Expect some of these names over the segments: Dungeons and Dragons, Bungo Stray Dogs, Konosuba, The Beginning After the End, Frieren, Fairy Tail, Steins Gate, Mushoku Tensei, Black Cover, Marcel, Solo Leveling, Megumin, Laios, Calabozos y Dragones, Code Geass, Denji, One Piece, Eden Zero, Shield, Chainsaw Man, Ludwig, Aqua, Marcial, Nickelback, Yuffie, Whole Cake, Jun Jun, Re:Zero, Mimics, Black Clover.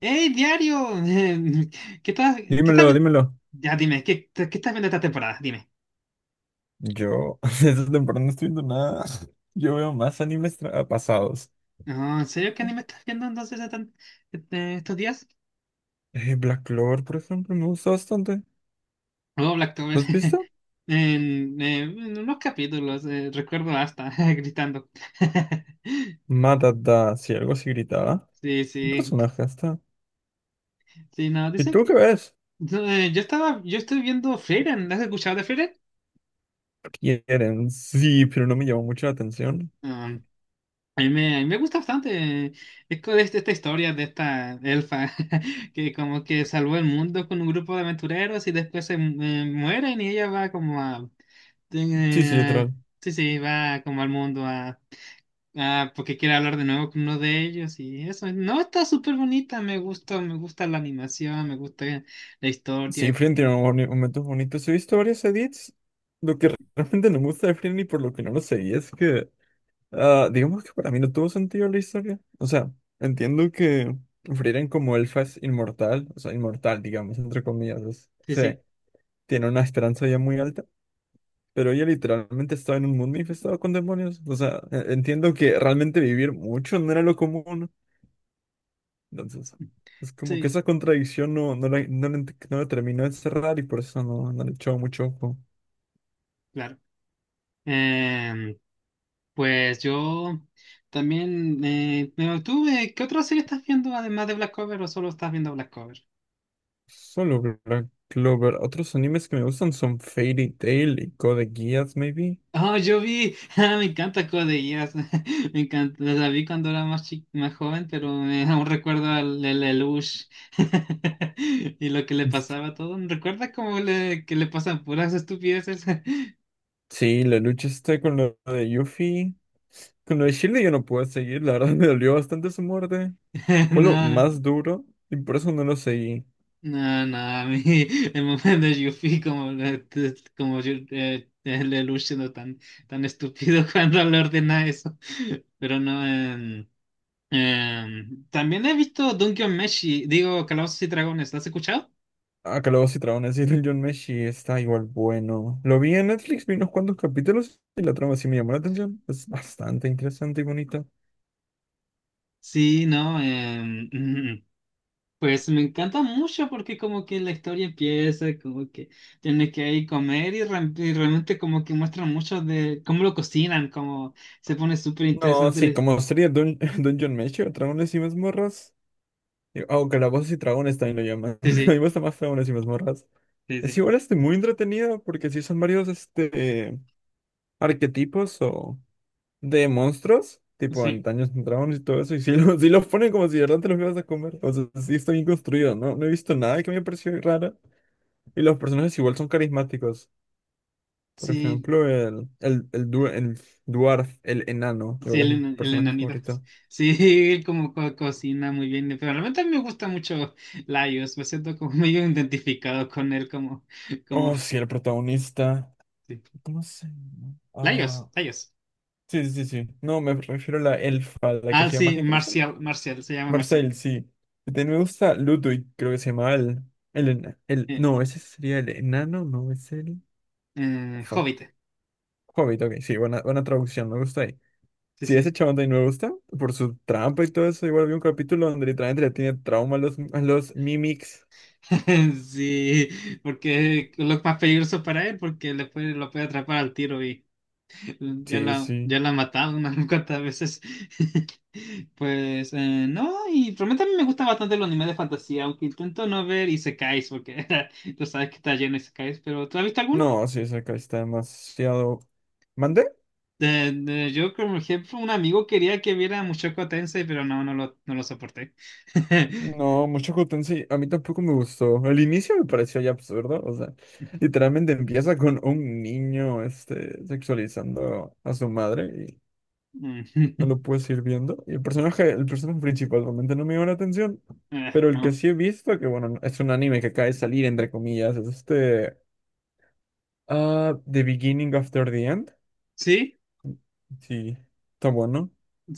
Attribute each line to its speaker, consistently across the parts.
Speaker 1: Hey diario! ¿Qué estás, qué estás
Speaker 2: Dímelo,
Speaker 1: vi-
Speaker 2: dímelo.
Speaker 1: Ya dime, ¿qué estás viendo esta temporada? Dime.
Speaker 2: Yo esta temporada no estoy viendo nada. Yo veo más pasados.
Speaker 1: No, ¿en serio qué anime estás viendo entonces estos días?
Speaker 2: Black Clover, por ejemplo, me gusta bastante.
Speaker 1: Oh, Blacktober.
Speaker 2: ¿Lo has visto?
Speaker 1: En unos capítulos, recuerdo hasta gritando.
Speaker 2: Matata, si algo así gritaba.
Speaker 1: Sí,
Speaker 2: Un
Speaker 1: sí.
Speaker 2: personaje hasta.
Speaker 1: Sí, no,
Speaker 2: ¿Y
Speaker 1: dice
Speaker 2: tú qué
Speaker 1: que.
Speaker 2: ves?
Speaker 1: No, yo estoy viendo Frieren. ¿Has escuchado de Frieren?
Speaker 2: Quieren, sí, pero no me llamó mucho la atención.
Speaker 1: Mm. A mí me gusta bastante, esta historia de esta elfa que como que salvó el mundo con un grupo de aventureros y después mueren y ella va como a...
Speaker 2: Sí, sí,
Speaker 1: eh,
Speaker 2: literal.
Speaker 1: sí, sí, va como al mundo a, porque quiere hablar de nuevo con uno de ellos y eso. No, está súper bonita, me gusta la animación, me gusta la
Speaker 2: Sí,
Speaker 1: historia.
Speaker 2: Frieren tiene momentos bonitos. He visto varios edits. Lo que realmente no me gusta de Frieren y por lo que no lo seguí es que digamos que para mí no tuvo sentido la historia. O sea, entiendo que Frieren como elfa es inmortal, o sea, inmortal, digamos, entre comillas.
Speaker 1: Sí,
Speaker 2: Se
Speaker 1: sí,
Speaker 2: tiene una esperanza ya muy alta, pero ella literalmente estaba en un mundo infestado con demonios. O sea, entiendo que realmente vivir mucho no era lo común. Entonces, es como que
Speaker 1: sí,
Speaker 2: esa contradicción no la terminó de cerrar y por eso no, no le echó mucho ojo.
Speaker 1: claro. Em, pues yo también, me mantuve. ¿Qué otra serie estás viendo además de Black Cover o solo estás viendo Black Cover?
Speaker 2: Solo Black Clover. Otros animes que me gustan son Fairy Tail y Code Geass, maybe.
Speaker 1: Oh, yo vi, ah, me encanta Code Geass. Me encanta, la vi cuando era más joven, pero me aún recuerdo al el Lelouch y lo que le pasaba a todo. ¿Recuerdas cómo le que le pasan puras estupideces?
Speaker 2: Sí, la lucha está con lo de Yuffie. Con lo de Shield yo no pude seguir, la verdad, me dolió bastante su muerte. Fue lo
Speaker 1: No.
Speaker 2: más duro y por eso no lo seguí.
Speaker 1: No, no, a mí el momento de Yuffie como, el Lelouch siendo tan, tan estúpido cuando le ordena eso. Pero no, también he visto Dungeon Meshi, digo, Calabozos y Dragones, ¿lo has escuchado?
Speaker 2: Ah, Calabozos y Dragones y el John Meshi está igual bueno. Lo vi en Netflix, vi unos cuantos capítulos y la trama sí me llamó la atención. Es bastante interesante y bonita.
Speaker 1: Sí, no, pues me encanta mucho porque como que la historia empieza, como que tiene que ir comer y, y realmente como que muestran mucho de cómo lo cocinan, como se pone súper
Speaker 2: No,
Speaker 1: interesante.
Speaker 2: sí,
Speaker 1: La-
Speaker 2: como sería Dun Dungeon Meshi o Dragones y Mazmorras. O Calabozos y Dragones también lo llaman. A
Speaker 1: Sí,
Speaker 2: mí me
Speaker 1: sí,
Speaker 2: gusta más Dragones y Mazmorras.
Speaker 1: sí,
Speaker 2: Es
Speaker 1: sí.
Speaker 2: igual este muy entretenida porque sí son varios este arquetipos o de monstruos, tipo en
Speaker 1: Sí.
Speaker 2: Dungeons and Dragons y todo eso, y si los ponen como si de verdad te los ibas a comer. O sea, sí está bien construido, ¿no? No he visto nada que me haya parecido raro. Y los personajes igual son carismáticos. Por
Speaker 1: Sí,
Speaker 2: ejemplo, el dwarf, el enano, de
Speaker 1: sí,
Speaker 2: verdad
Speaker 1: el,
Speaker 2: es mi
Speaker 1: el
Speaker 2: personaje
Speaker 1: enanito.
Speaker 2: favorito.
Speaker 1: Sí, él como cocina muy bien, pero realmente a mí me gusta mucho Laios, me siento como medio identificado con él, como,
Speaker 2: Oh, sí, el protagonista.
Speaker 1: sí.
Speaker 2: ¿Cómo se llama?
Speaker 1: Laios, Laios.
Speaker 2: Sí, sí, sí. No, me refiero a la elfa, la que
Speaker 1: Ah,
Speaker 2: hacía
Speaker 1: sí,
Speaker 2: mágica.
Speaker 1: Marcial, Marcial, se llama Marcial.
Speaker 2: Marcel, sí. También me gusta Ludwig, creo que se llama
Speaker 1: Eh,
Speaker 2: No, ese sería el enano, no es el... Fuck.
Speaker 1: Hobbit,
Speaker 2: Hobbit, ok, sí, buena, buena traducción, me gusta ahí.
Speaker 1: sí,
Speaker 2: Sí, ese
Speaker 1: sí.
Speaker 2: chabón también me gusta, por su trampa y todo eso. Igual vi un capítulo donde literalmente le tiene trauma a los Mimics.
Speaker 1: Sí, porque es lo más peligroso para él, porque le puede, lo puede atrapar al tiro.
Speaker 2: Sí, sí.
Speaker 1: Ya la he matado unas cuantas veces. Pues no, y realmente a mí me gusta bastante los animes de fantasía, aunque intento no ver isekais, porque tú sabes que está lleno de isekais, pero ¿tú has visto alguno?
Speaker 2: No, sí, esa acá está demasiado... ¿Mande?
Speaker 1: Yo, como ejemplo, un amigo quería que viera Mushoku Tensei, pero no, no lo soporté.
Speaker 2: No, mucho Houten sí, a mí tampoco me gustó. El inicio me pareció ya absurdo, o sea, literalmente empieza con un niño, este, sexualizando a su madre y
Speaker 1: Mm.
Speaker 2: no lo puedes ir viendo. Y el personaje principal realmente no me dio la atención, pero el que
Speaker 1: No.
Speaker 2: sí he visto, que bueno, es un anime que acaba de salir, entre comillas, es The Beginning After the End.
Speaker 1: Sí,
Speaker 2: Sí, está bueno.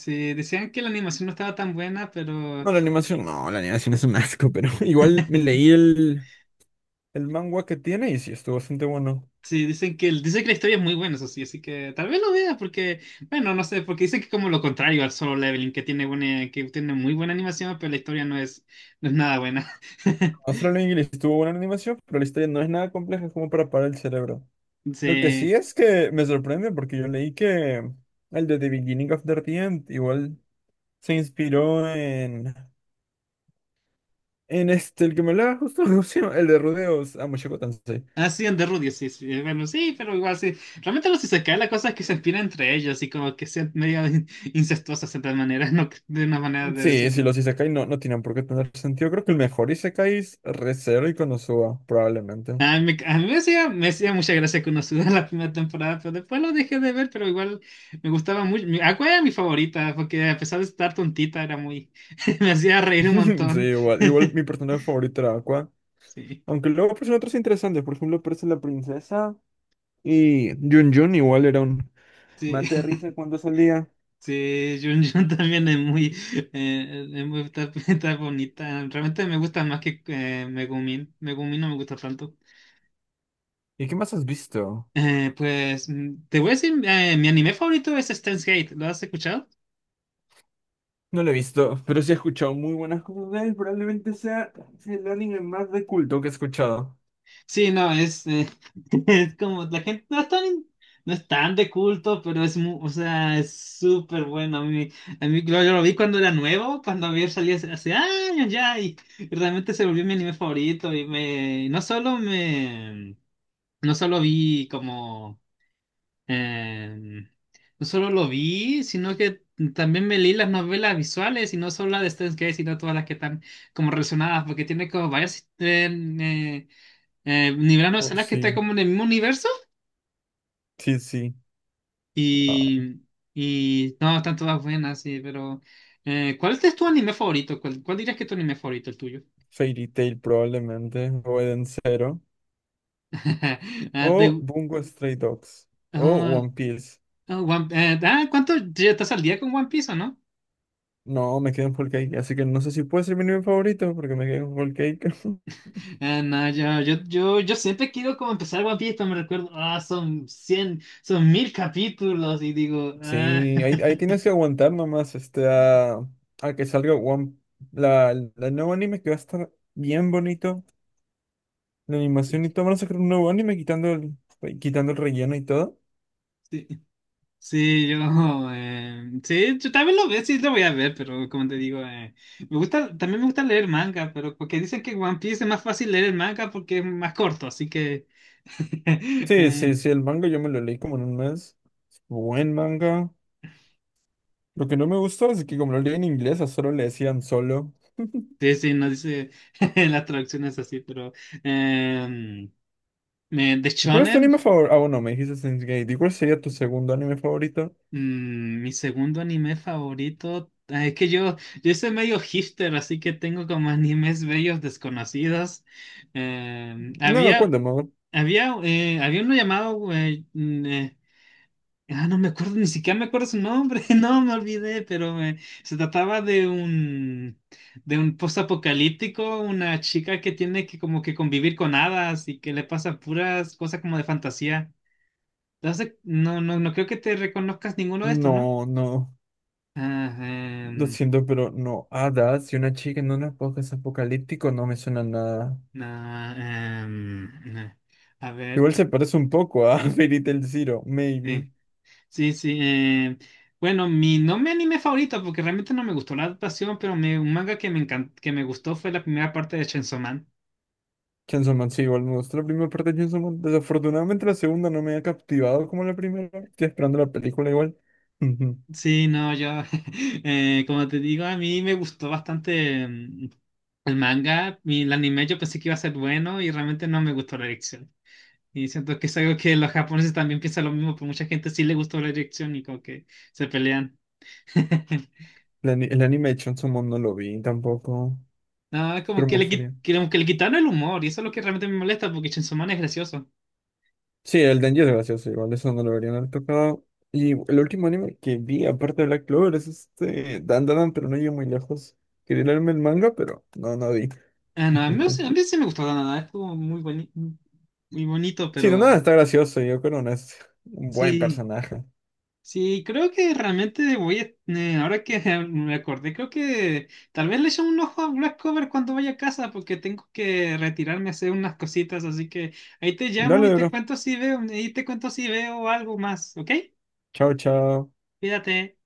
Speaker 1: sí, decían que la animación no estaba tan buena, pero...
Speaker 2: No, la animación es un asco, pero igual me leí el manga que tiene y sí, estuvo bastante bueno.
Speaker 1: Sí, dicen que, dicen que la historia es muy buena, eso sí, así que tal vez lo veas porque, bueno, no sé, porque dicen que es como lo contrario al Solo Leveling, que tiene buena, que tiene muy buena animación, pero la historia no es nada buena.
Speaker 2: Astral English tuvo buena animación, pero la historia no es nada compleja, es como para parar el cerebro. Lo que
Speaker 1: Sí.
Speaker 2: sí es que me sorprende porque yo leí que el de The Beginning of the End igual se inspiró en este, el que me hablaba justo, ¿cómo se llama? El de Rudeos, Mushoku Tensei.
Speaker 1: Ah, sí, en Rudy, sí, sí, bueno, sí, pero igual sí. Realmente los cae la cosa es que se inspiran entre ellos y como que sean medio incestuosas de tal manera, no, de una manera de
Speaker 2: Sí, sí,
Speaker 1: decirlo.
Speaker 2: los Isekai no, no tienen por qué tener sentido. Creo que el mejor Isekai es Re:Zero y Konosuba, probablemente.
Speaker 1: A mí me hacía mucha gracia que uno suda la primera temporada, pero después lo dejé de ver, pero igual me gustaba mucho. Mi- Aqua era mi favorita, porque a pesar de estar tontita, era muy... me hacía reír un
Speaker 2: Sí,
Speaker 1: montón.
Speaker 2: igual, igual mi personaje favorito era Aqua.
Speaker 1: Sí,
Speaker 2: Aunque luego aparecen otros interesantes, por ejemplo, aparece la princesa. Y Jun Jun igual era un
Speaker 1: sí,
Speaker 2: mate de risa cuando salía.
Speaker 1: sí, Jun Jun también es muy, está, está bonita. Realmente me gusta más que, Megumin. Megumin no me gusta tanto.
Speaker 2: ¿Y qué más has visto?
Speaker 1: Pues te voy a decir, mi anime favorito es Steins Gate. ¿Lo has escuchado?
Speaker 2: No lo he visto, pero sí he escuchado muy buenas cosas de él. Probablemente sea el anime más de culto que he escuchado.
Speaker 1: Sí, no, es como la gente no es tan de culto, pero es muy, o sea, es súper bueno. Yo lo vi cuando era nuevo, cuando había salido hace, hace años ya, y realmente se volvió mi anime favorito. No solo vi como, em, no solo lo vi, sino que también me leí las novelas visuales, y no solo la de Steins Gate, sino todas las que están como relacionadas, porque tiene como varias. eh, nivelaron a
Speaker 2: Oh,
Speaker 1: Salas que está
Speaker 2: sí,
Speaker 1: como en el mismo universo.
Speaker 2: sí, sí. Ah,
Speaker 1: Y, y no, están todas buenas, sí, pero ¿cuál es tu anime favorito? Cuál dirías que es tu anime favorito, el tuyo?
Speaker 2: Fairy Tail probablemente, o Eden Zero,
Speaker 1: Ah,
Speaker 2: o
Speaker 1: te-
Speaker 2: Bungo Stray Dogs, o
Speaker 1: ah,
Speaker 2: One Piece.
Speaker 1: ah, ah, ¿cuánto ya estás al día con One Piece o no?
Speaker 2: No, me quedé en Whole Cake, así que no sé si puede ser mi anime favorito, porque me quedé en Whole Cake.
Speaker 1: No, yo siempre quiero como empezar One Piece, pero me recuerdo, ah, son 100 son 1000 capítulos y digo, ah.
Speaker 2: Sí, ahí tienes que aguantar nomás este, a que salga la nuevo anime que va a estar bien bonito. La animación y todo. Van a sacar un nuevo anime quitando quitando el relleno y todo.
Speaker 1: Sí, yo, sí, yo también lo veo, sí lo voy a ver, pero como te digo, me gusta, también me gusta leer manga, pero porque dicen que One Piece es más fácil leer el manga porque es más corto, así que,
Speaker 2: Sí,
Speaker 1: eh,
Speaker 2: sí, sí, el manga yo me lo leí como en un mes. Buen manga. Lo que no me gustó es que como lo leí en inglés, a solo le decían solo.
Speaker 1: sí, sí, no dice las traducciones así, pero eh, de
Speaker 2: ¿Cuál es tu
Speaker 1: Shonen,
Speaker 2: anime favorito? Ah, bueno, me dijiste Steins Gate. ¿Y cuál sería tu segundo anime favorito?
Speaker 1: mi segundo anime favorito, ah, es que yo soy medio hipster, así que tengo como animes bellos desconocidos.
Speaker 2: No,
Speaker 1: Había.
Speaker 2: cuéntame.
Speaker 1: Había uno llamado, güey, ah, no me acuerdo, ni siquiera me acuerdo su nombre, no me olvidé, pero se trataba de un postapocalíptico, una chica que tiene que como que convivir con hadas y que le pasan puras cosas como de fantasía. Entonces, no creo que te reconozcas ninguno de estos, ¿no?
Speaker 2: No, no.
Speaker 1: Ah,
Speaker 2: Lo siento, pero no, hadas y una chica en un podcast apocalíptico no me suena nada.
Speaker 1: no, em, eh, a ver,
Speaker 2: Igual
Speaker 1: ¿qué-
Speaker 2: se parece un poco a Fairy Tail Zero, maybe.
Speaker 1: sí. Sí, sí. Bueno, mi no mi anime favorito, porque realmente no me gustó la adaptación, pero un manga que que me gustó fue la primera parte de Chainsaw Man.
Speaker 2: Chainsaw Man, sí, igual me gustó la primera parte de Chainsaw Man. Desafortunadamente la segunda no me ha captivado como la primera. Estoy esperando la película igual. Ujú.
Speaker 1: Sí, no, yo, como te digo, a mí me gustó bastante, el manga, y el anime yo pensé que iba a ser bueno y realmente no me gustó la dirección. Y siento que es algo que los japoneses también piensan lo mismo, pero mucha gente sí le gustó la dirección y como que se pelean.
Speaker 2: El anime de Chainsaw Man no lo vi tampoco,
Speaker 1: No, como
Speaker 2: pero me
Speaker 1: que le,
Speaker 2: gustaría.
Speaker 1: como que le quitaron el humor y eso es lo que realmente me molesta porque Chainsaw Man es gracioso.
Speaker 2: Sí, el Denji es gracioso igual, eso no lo deberían haber tocado. Y el último anime que vi, aparte de Black Clover, es este Dan, pero no llegué muy lejos. Quería leerme el manga, pero no, no vi
Speaker 1: Ah, no, a mí, a mí sí me gustó la nada, estuvo muy bonito,
Speaker 2: Sí, no, nada,
Speaker 1: pero
Speaker 2: está gracioso. Yoko no es un buen
Speaker 1: sí,
Speaker 2: personaje.
Speaker 1: sí, creo que realmente voy a, ahora que me acordé, creo que tal vez le eche un ojo a Black Cover cuando vaya a casa, porque tengo que retirarme a hacer unas cositas, así que ahí te llamo y
Speaker 2: Dale,
Speaker 1: te
Speaker 2: bro.
Speaker 1: cuento si veo, ahí te cuento si veo algo más, ¿ok?
Speaker 2: Chao, chao.
Speaker 1: Cuídate.